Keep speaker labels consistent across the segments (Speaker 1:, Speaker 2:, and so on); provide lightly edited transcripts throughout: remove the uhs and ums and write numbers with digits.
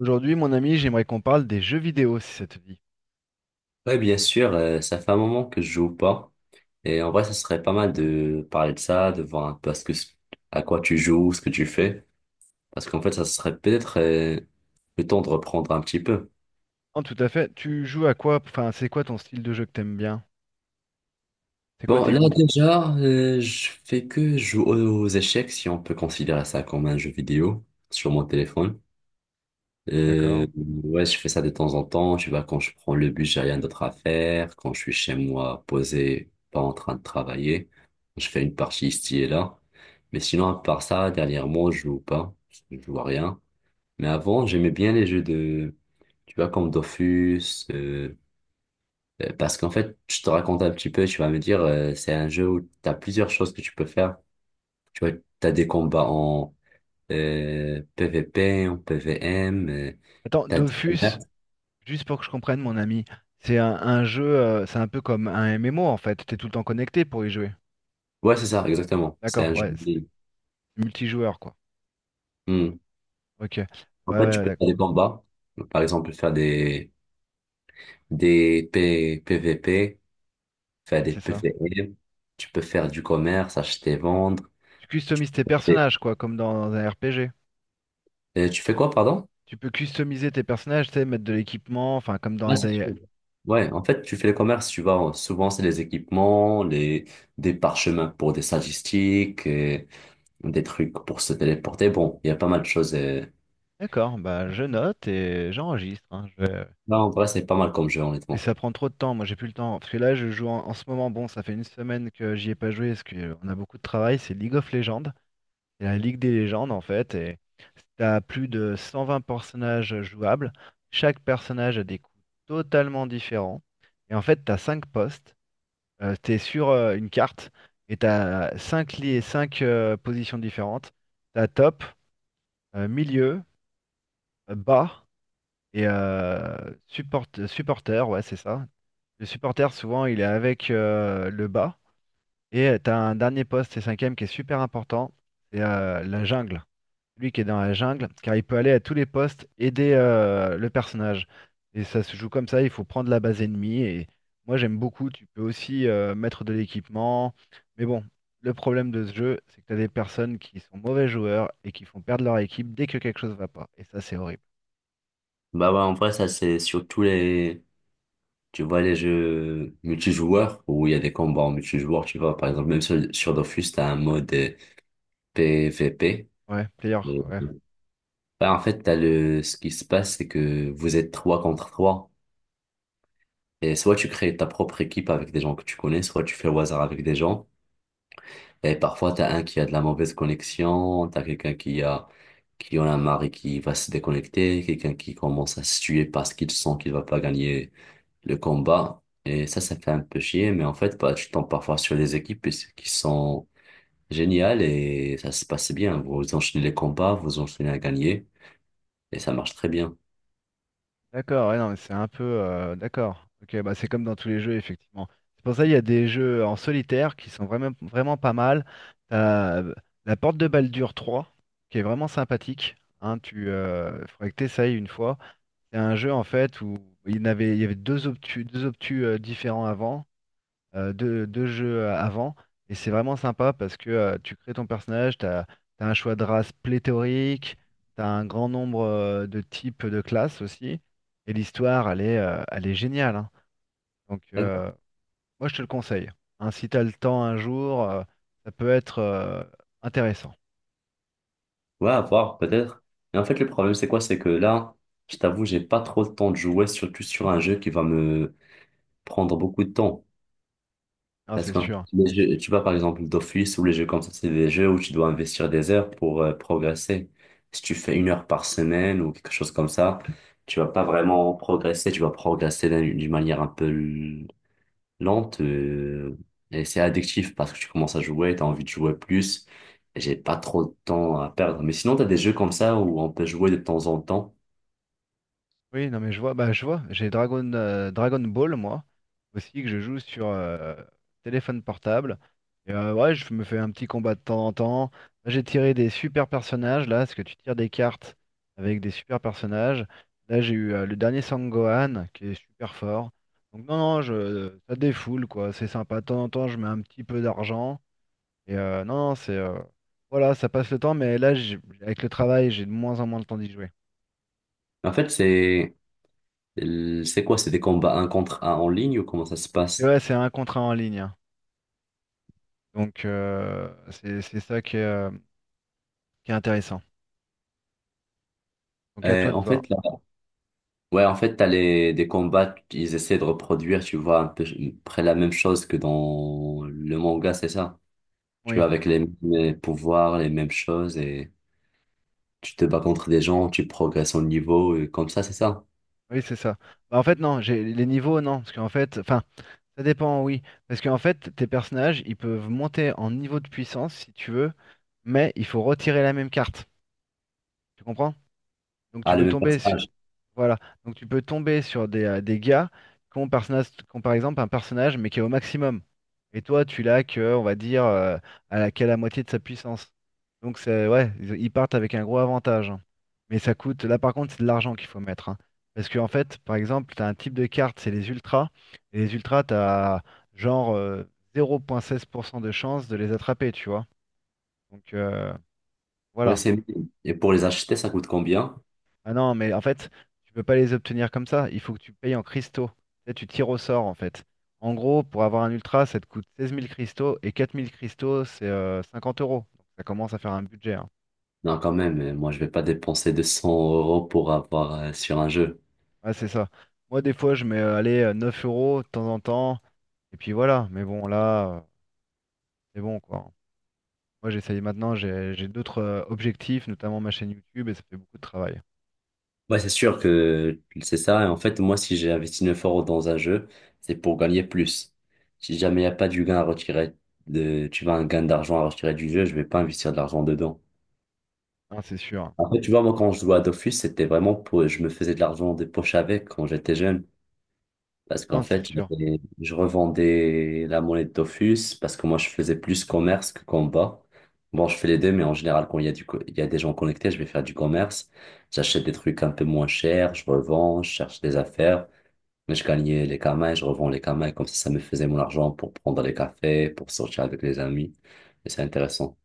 Speaker 1: Aujourd'hui, mon ami, j'aimerais qu'on parle des jeux vidéo, si ça te dit.
Speaker 2: Ouais, bien sûr, ça fait un moment que je joue pas. Et en vrai, ça serait pas mal de parler de ça, de voir un peu à quoi tu joues, ce que tu fais. Parce qu'en fait, ça serait peut-être le temps de reprendre un petit peu.
Speaker 1: Oh, tout à fait. Tu joues à quoi? Enfin, c'est quoi ton style de jeu que t'aimes bien? C'est quoi
Speaker 2: Bon,
Speaker 1: tes
Speaker 2: là,
Speaker 1: goûts?
Speaker 2: déjà, je fais que jouer aux échecs, si on peut considérer ça comme un jeu vidéo, sur mon téléphone.
Speaker 1: D'accord.
Speaker 2: Ouais, je fais ça de temps en temps. Tu vois, quand je prends le bus, j'ai rien d'autre à faire. Quand je suis chez moi, posé, pas en train de travailler, je fais une partie ici et là. Mais sinon, à part ça, dernièrement, je joue pas. Je joue à rien. Mais avant, j'aimais bien les jeux de, tu vois, comme Dofus, euh, parce qu'en fait, je te raconte un petit peu, tu vas me dire, c'est un jeu où t'as plusieurs choses que tu peux faire. Tu vois, t'as des combats en PVP, en PVM,
Speaker 1: Attends,
Speaker 2: t'as des combats.
Speaker 1: Dofus, juste pour que je comprenne, mon ami, c'est un jeu, c'est un peu comme un MMO en fait. T'es tout le temps connecté pour y jouer.
Speaker 2: Ouais, c'est ça, exactement. C'est
Speaker 1: D'accord,
Speaker 2: un jeu
Speaker 1: ouais,
Speaker 2: en
Speaker 1: c'est
Speaker 2: ligne.
Speaker 1: multijoueur quoi.
Speaker 2: Hmm.
Speaker 1: Ok. Ouais,
Speaker 2: En fait, tu
Speaker 1: ouais,
Speaker 2: peux
Speaker 1: d'accord.
Speaker 2: faire des combats. Par exemple, faire des PVP, faire
Speaker 1: Ouais,
Speaker 2: des
Speaker 1: c'est ça.
Speaker 2: PVE. Tu peux faire du commerce, acheter, vendre.
Speaker 1: Tu customises tes
Speaker 2: Et,
Speaker 1: personnages quoi, comme dans, un RPG.
Speaker 2: et tu fais quoi, pardon?
Speaker 1: Tu peux customiser tes personnages, tu sais, mettre de l'équipement, enfin,
Speaker 2: Ah, c'est sûr. Ouais, en fait, tu fais le commerce, tu vas souvent, c'est les équipements, des parchemins pour des statistiques, et des trucs pour se téléporter. Bon, il y a pas mal de choses.
Speaker 1: D'accord, bah je note et j'enregistre, hein.
Speaker 2: Non, en vrai, c'est pas mal comme jeu,
Speaker 1: Mais
Speaker 2: honnêtement.
Speaker 1: ça prend trop de temps, moi j'ai plus le temps. Parce que là, je joue en ce moment, bon, ça fait une semaine que j'y ai pas joué parce qu'on a beaucoup de travail, c'est League of Legends. C'est la Ligue des légendes en fait, et t'as plus de 120 personnages jouables. Chaque personnage a des coups totalement différents. Et en fait, t'as cinq postes, t'es sur une carte, et t'as 5 lits 5 positions différentes. T'as top, milieu, bas, et supporter, ouais c'est ça. Le supporter, souvent, il est avec le bas. Et tu as un dernier poste, c'est cinquième, qui est super important. C'est la jungle. Lui qui est dans la jungle, car il peut aller à tous les postes, aider le personnage. Et ça se joue comme ça, il faut prendre la base ennemie. Et moi, j'aime beaucoup. Tu peux aussi mettre de l'équipement. Mais bon, le problème de ce jeu, c'est que tu as des personnes qui sont mauvais joueurs et qui font perdre leur équipe dès que quelque chose va pas. Et ça, c'est horrible.
Speaker 2: Bah ouais, en vrai, ça, c'est sur tous les, tu vois, les jeux multijoueurs où il y a des combats en multijoueur, tu vois, par exemple, même sur Dofus, t'as un mode PVP.
Speaker 1: Ouais, player,
Speaker 2: Et,
Speaker 1: ouais.
Speaker 2: bah, en fait, ce qui se passe, c'est que vous êtes trois contre trois. Et soit tu crées ta propre équipe avec des gens que tu connais, soit tu fais au hasard avec des gens. Et parfois, t'as un qui a de la mauvaise connexion, t'as quelqu'un qui en a marre et qui va se déconnecter, quelqu'un qui commence à se tuer parce qu'il sent qu'il va pas gagner le combat. Et ça fait un peu chier, mais en fait, bah, tu tombes parfois sur des équipes qui sont géniales et ça se passe bien. Vous enchaînez les combats, vous enchaînez à gagner et ça marche très bien.
Speaker 1: D'accord, ouais, non, mais c'est un peu. D'accord. Ok, bah c'est comme dans tous les jeux, effectivement. C'est pour ça qu'il y a des jeux en solitaire qui sont vraiment, vraiment pas mal. T'as la porte de Baldur 3, qui est vraiment sympathique. Hein, faudrait que t'essayes une fois. C'est un jeu, en fait, où il y avait deux obtus différents avant deux jeux avant. Et c'est vraiment sympa parce que tu crées ton personnage, tu as un choix de race pléthorique, tu as un grand nombre de types de classes aussi. Et l'histoire, elle est géniale, hein. Donc,
Speaker 2: D'accord.
Speaker 1: moi, je te le conseille, hein. Si tu as le temps un jour, ça peut être intéressant.
Speaker 2: Ouais, à voir, peut-être. Mais en fait, le problème, c'est quoi? C'est que là, je t'avoue, j'ai pas trop le temps de jouer, surtout sur un jeu qui va me prendre beaucoup de temps.
Speaker 1: Ah,
Speaker 2: Parce
Speaker 1: c'est
Speaker 2: qu'en fait,
Speaker 1: sûr, hein.
Speaker 2: tu vois, par exemple, d'office ou les jeux comme ça, c'est des jeux où tu dois investir des heures pour progresser. Si tu fais une heure par semaine ou quelque chose comme ça, tu vas pas vraiment progresser, tu vas progresser d'une manière un peu lente et c'est addictif parce que tu commences à jouer, tu as envie de jouer plus. Et j'ai pas trop de temps à perdre. Mais sinon, tu as des jeux comme ça où on peut jouer de temps en temps.
Speaker 1: Oui, non mais je vois, bah je vois, j'ai Dragon Ball moi aussi que je joue sur téléphone portable. Et ouais, je me fais un petit combat de temps en temps. Là, j'ai tiré des super personnages là, parce que tu tires des cartes avec des super personnages. Là j'ai eu le dernier Sangohan qui est super fort. Donc non non, je, ça défoule quoi, c'est sympa. De temps en temps je mets un petit peu d'argent et non non, c'est voilà ça passe le temps, mais avec le travail j'ai de moins en moins le temps d'y jouer.
Speaker 2: En fait, c'est quoi? C'est des combats un contre un en ligne ou comment ça se
Speaker 1: C'est
Speaker 2: passe?
Speaker 1: ouais, c'est un contrat en ligne, hein. Donc, c'est ça qui est intéressant. Donc, à toi de
Speaker 2: En
Speaker 1: voir.
Speaker 2: fait, ouais, en fait, t'as des combats, ils essaient de reproduire, tu vois, un peu près la même chose que dans le manga, c'est ça? Tu
Speaker 1: Oui,
Speaker 2: vois, avec les mêmes pouvoirs, les mêmes choses, et tu te bats contre des gens, tu progresses en niveau, et comme ça, c'est ça?
Speaker 1: oui, c'est ça. Bah, en fait, non, j'ai les niveaux, non. Parce qu'en fait, enfin, ça dépend, oui. Parce qu'en fait, tes personnages, ils peuvent monter en niveau de puissance si tu veux, mais il faut retirer la même carte. Tu comprends? Donc,
Speaker 2: Ah,
Speaker 1: tu
Speaker 2: le
Speaker 1: peux
Speaker 2: même
Speaker 1: tomber, su-
Speaker 2: personnage.
Speaker 1: Voilà, donc tu peux tomber sur des gars qui ont par exemple un personnage mais qui est au maximum. Et toi, tu l'as que, on va dire, à la, qu'à la moitié de sa puissance. Donc c'est ouais, ils partent avec un gros avantage, hein. Mais ça coûte, là par contre, c'est de l'argent qu'il faut mettre, hein. Parce qu'en fait, par exemple, tu as un type de carte, c'est les ultras. Et les ultras, tu as genre 0,16% de chance de les attraper, tu vois. Donc
Speaker 2: Ouais,
Speaker 1: voilà.
Speaker 2: c'est mignon. Et pour les acheter, ça coûte combien?
Speaker 1: Ah non, mais en fait, tu peux pas les obtenir comme ça. Il faut que tu payes en cristaux. Tu sais, tu tires au sort, en fait. En gros, pour avoir un ultra, ça te coûte 16 000 cristaux et 4 000 cristaux, c'est 50 euros. Donc, ça commence à faire un budget, hein.
Speaker 2: Non, quand même, moi, je vais pas dépenser 200 € pour avoir sur un jeu.
Speaker 1: Ouais, c'est ça. Moi, des fois, je mets allez, 9 euros de temps en temps. Et puis voilà. Mais bon, là, c'est bon, quoi. Moi, j'essaye maintenant. J'ai d'autres objectifs, notamment ma chaîne YouTube, et ça fait beaucoup de travail.
Speaker 2: Ouais, c'est sûr que c'est ça. Et en fait, moi, si j'ai investi 9 € dans un jeu, c'est pour gagner plus. Si jamais il n'y a pas du gain à retirer, tu vois, un gain d'argent à retirer du jeu, je vais pas investir de l'argent dedans.
Speaker 1: Non, c'est sûr, hein.
Speaker 2: En fait, tu vois, moi, quand je jouais à Dofus, c'était vraiment pour, je me faisais de l'argent des poches avec quand j'étais jeune. Parce qu'en
Speaker 1: Non, c'est
Speaker 2: fait,
Speaker 1: sûr.
Speaker 2: je revendais la monnaie de Dofus parce que moi, je faisais plus commerce que combat. Bon, je fais les deux, mais en général, quand il y a des gens connectés, je vais faire du commerce. J'achète des trucs un peu moins chers, je revends, je cherche des affaires. Mais je gagnais les kamas et je revends les kamas. Et comme ça me faisait mon argent pour prendre des cafés, pour sortir avec les amis. Et c'est intéressant.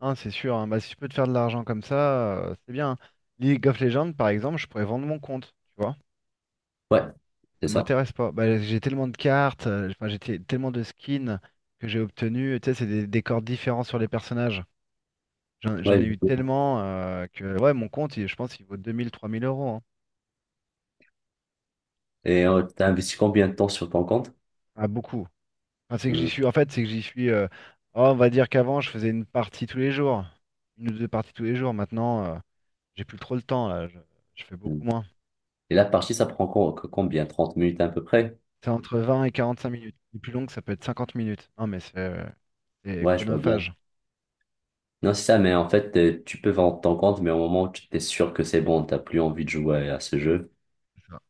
Speaker 1: Hein, c'est sûr, hein. Bah, si je peux te faire de l'argent comme ça, c'est bien, hein. League of Legends, par exemple, je pourrais vendre mon compte, tu vois.
Speaker 2: Ouais, c'est
Speaker 1: Ça
Speaker 2: ça.
Speaker 1: m'intéresse pas. Bah, j'ai tellement de cartes, enfin, tellement de skins que j'ai obtenus. Tu sais, c'est des décors différents sur les personnages. J'en
Speaker 2: Ouais,
Speaker 1: j'en ai eu
Speaker 2: exactement.
Speaker 1: tellement que, ouais, je pense qu'il vaut 2 000 3 000 euros, hein.
Speaker 2: Et t'as investi combien de temps sur ton compte?
Speaker 1: Ah, beaucoup. Enfin,
Speaker 2: Mm.
Speaker 1: c'est que j'y suis. Oh, on va dire qu'avant, je faisais une partie tous les jours. Une ou deux parties tous les jours. Maintenant, j'ai plus trop le temps, là. Je fais beaucoup moins.
Speaker 2: Et la partie, ça prend combien? 30 minutes à peu près?
Speaker 1: C'est entre 20 et 45 minutes. Les plus longues, ça peut être 50 minutes. Non, mais c'est
Speaker 2: Ouais, je vois bien.
Speaker 1: chronophage.
Speaker 2: Non, c'est ça, mais en fait, tu peux vendre ton compte, mais au moment où tu t'es sûr que c'est bon, t'as plus envie de jouer à ce jeu.
Speaker 1: C'est ça.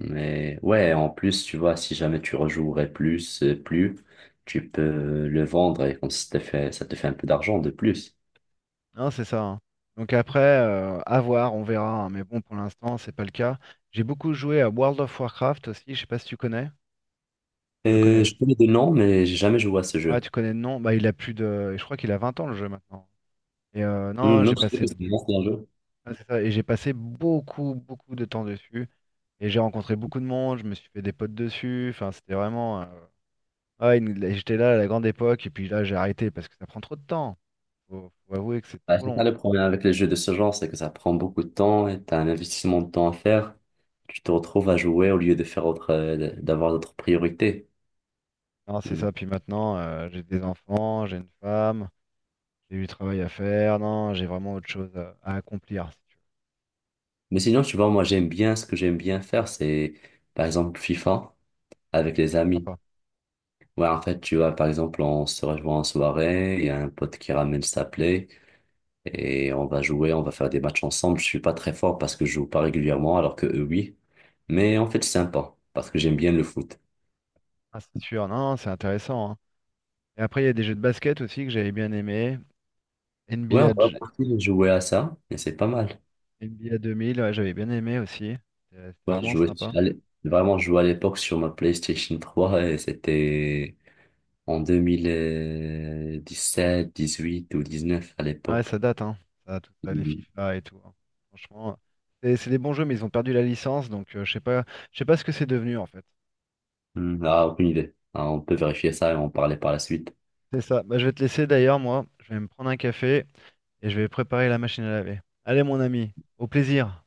Speaker 2: Mais ouais, en plus, tu vois, si jamais tu rejouerais plus, tu peux le vendre et comme ça te fait un peu d'argent de plus.
Speaker 1: Non, c'est ça, hein. Donc après, à voir, on verra, hein. Mais bon, pour l'instant, c'est pas le cas. J'ai beaucoup joué à World of Warcraft aussi. Je sais pas si tu connais. Tu le connais.
Speaker 2: Je connais des noms, mais j'ai jamais joué à ce
Speaker 1: Ouais,
Speaker 2: jeu.
Speaker 1: tu connais le nom. Bah, il a plus de. Je crois qu'il a 20 ans le jeu maintenant. Et
Speaker 2: Hmm,
Speaker 1: non,
Speaker 2: non,
Speaker 1: j'ai
Speaker 2: je sais
Speaker 1: passé.
Speaker 2: que c'est un ancien jeu.
Speaker 1: Ouais, c'est ça. Et j'ai passé beaucoup, beaucoup de temps dessus. Et j'ai rencontré beaucoup de monde. Je me suis fait des potes dessus. Enfin, c'était vraiment. Ouais, j'étais là à la grande époque. Et puis là, j'ai arrêté parce que ça prend trop de temps. Faut avouer que c'est
Speaker 2: Bah,
Speaker 1: trop
Speaker 2: c'est ça
Speaker 1: long.
Speaker 2: le problème avec les jeux de ce genre, c'est que ça prend beaucoup de temps et t'as un investissement de temps à faire. Tu te retrouves à jouer au lieu de faire autre, d'avoir d'autres priorités.
Speaker 1: Non, c'est ça. Puis maintenant, j'ai des enfants, j'ai une femme, j'ai du travail à faire. Non, j'ai vraiment autre chose à accomplir, si tu veux.
Speaker 2: Mais sinon, tu vois, moi, j'aime bien ce que j'aime bien faire, c'est par exemple FIFA avec les amis.
Speaker 1: Sympa.
Speaker 2: Ouais, en fait, tu vois, par exemple, on se rejoint en soirée, il y a un pote qui ramène sa play et on va jouer, on va faire des matchs ensemble. Je suis pas très fort parce que je joue pas régulièrement, alors que eux, oui. Mais en fait, c'est sympa parce que j'aime bien le foot.
Speaker 1: Ah, c'est sûr. Non, non, c'est intéressant, hein. Et après, il y a des jeux de basket aussi que j'avais bien aimé. NBA,
Speaker 2: Ouais, on va
Speaker 1: J-
Speaker 2: partir de jouer à ça et c'est pas mal.
Speaker 1: NBA 2000, ouais, j'avais bien aimé aussi. C'était
Speaker 2: Ouais, je
Speaker 1: vraiment
Speaker 2: jouais,
Speaker 1: sympa.
Speaker 2: vraiment, je jouais à l'époque sur ma PlayStation 3 et c'était en 2017, 2018 ou 2019 à
Speaker 1: Ouais, ça
Speaker 2: l'époque.
Speaker 1: date, hein. Ça, tout ça, les
Speaker 2: Mhm.
Speaker 1: FIFA et tout, hein. Franchement, c'est des bons jeux, mais ils ont perdu la licence, donc je sais pas ce que c'est devenu en fait.
Speaker 2: Hmm, ah, aucune idée. Ah, on peut vérifier ça et en parler par la suite.
Speaker 1: C'est ça. Bah, je vais te laisser d'ailleurs, moi. Je vais me prendre un café et je vais préparer la machine à laver. Allez, mon ami, au plaisir.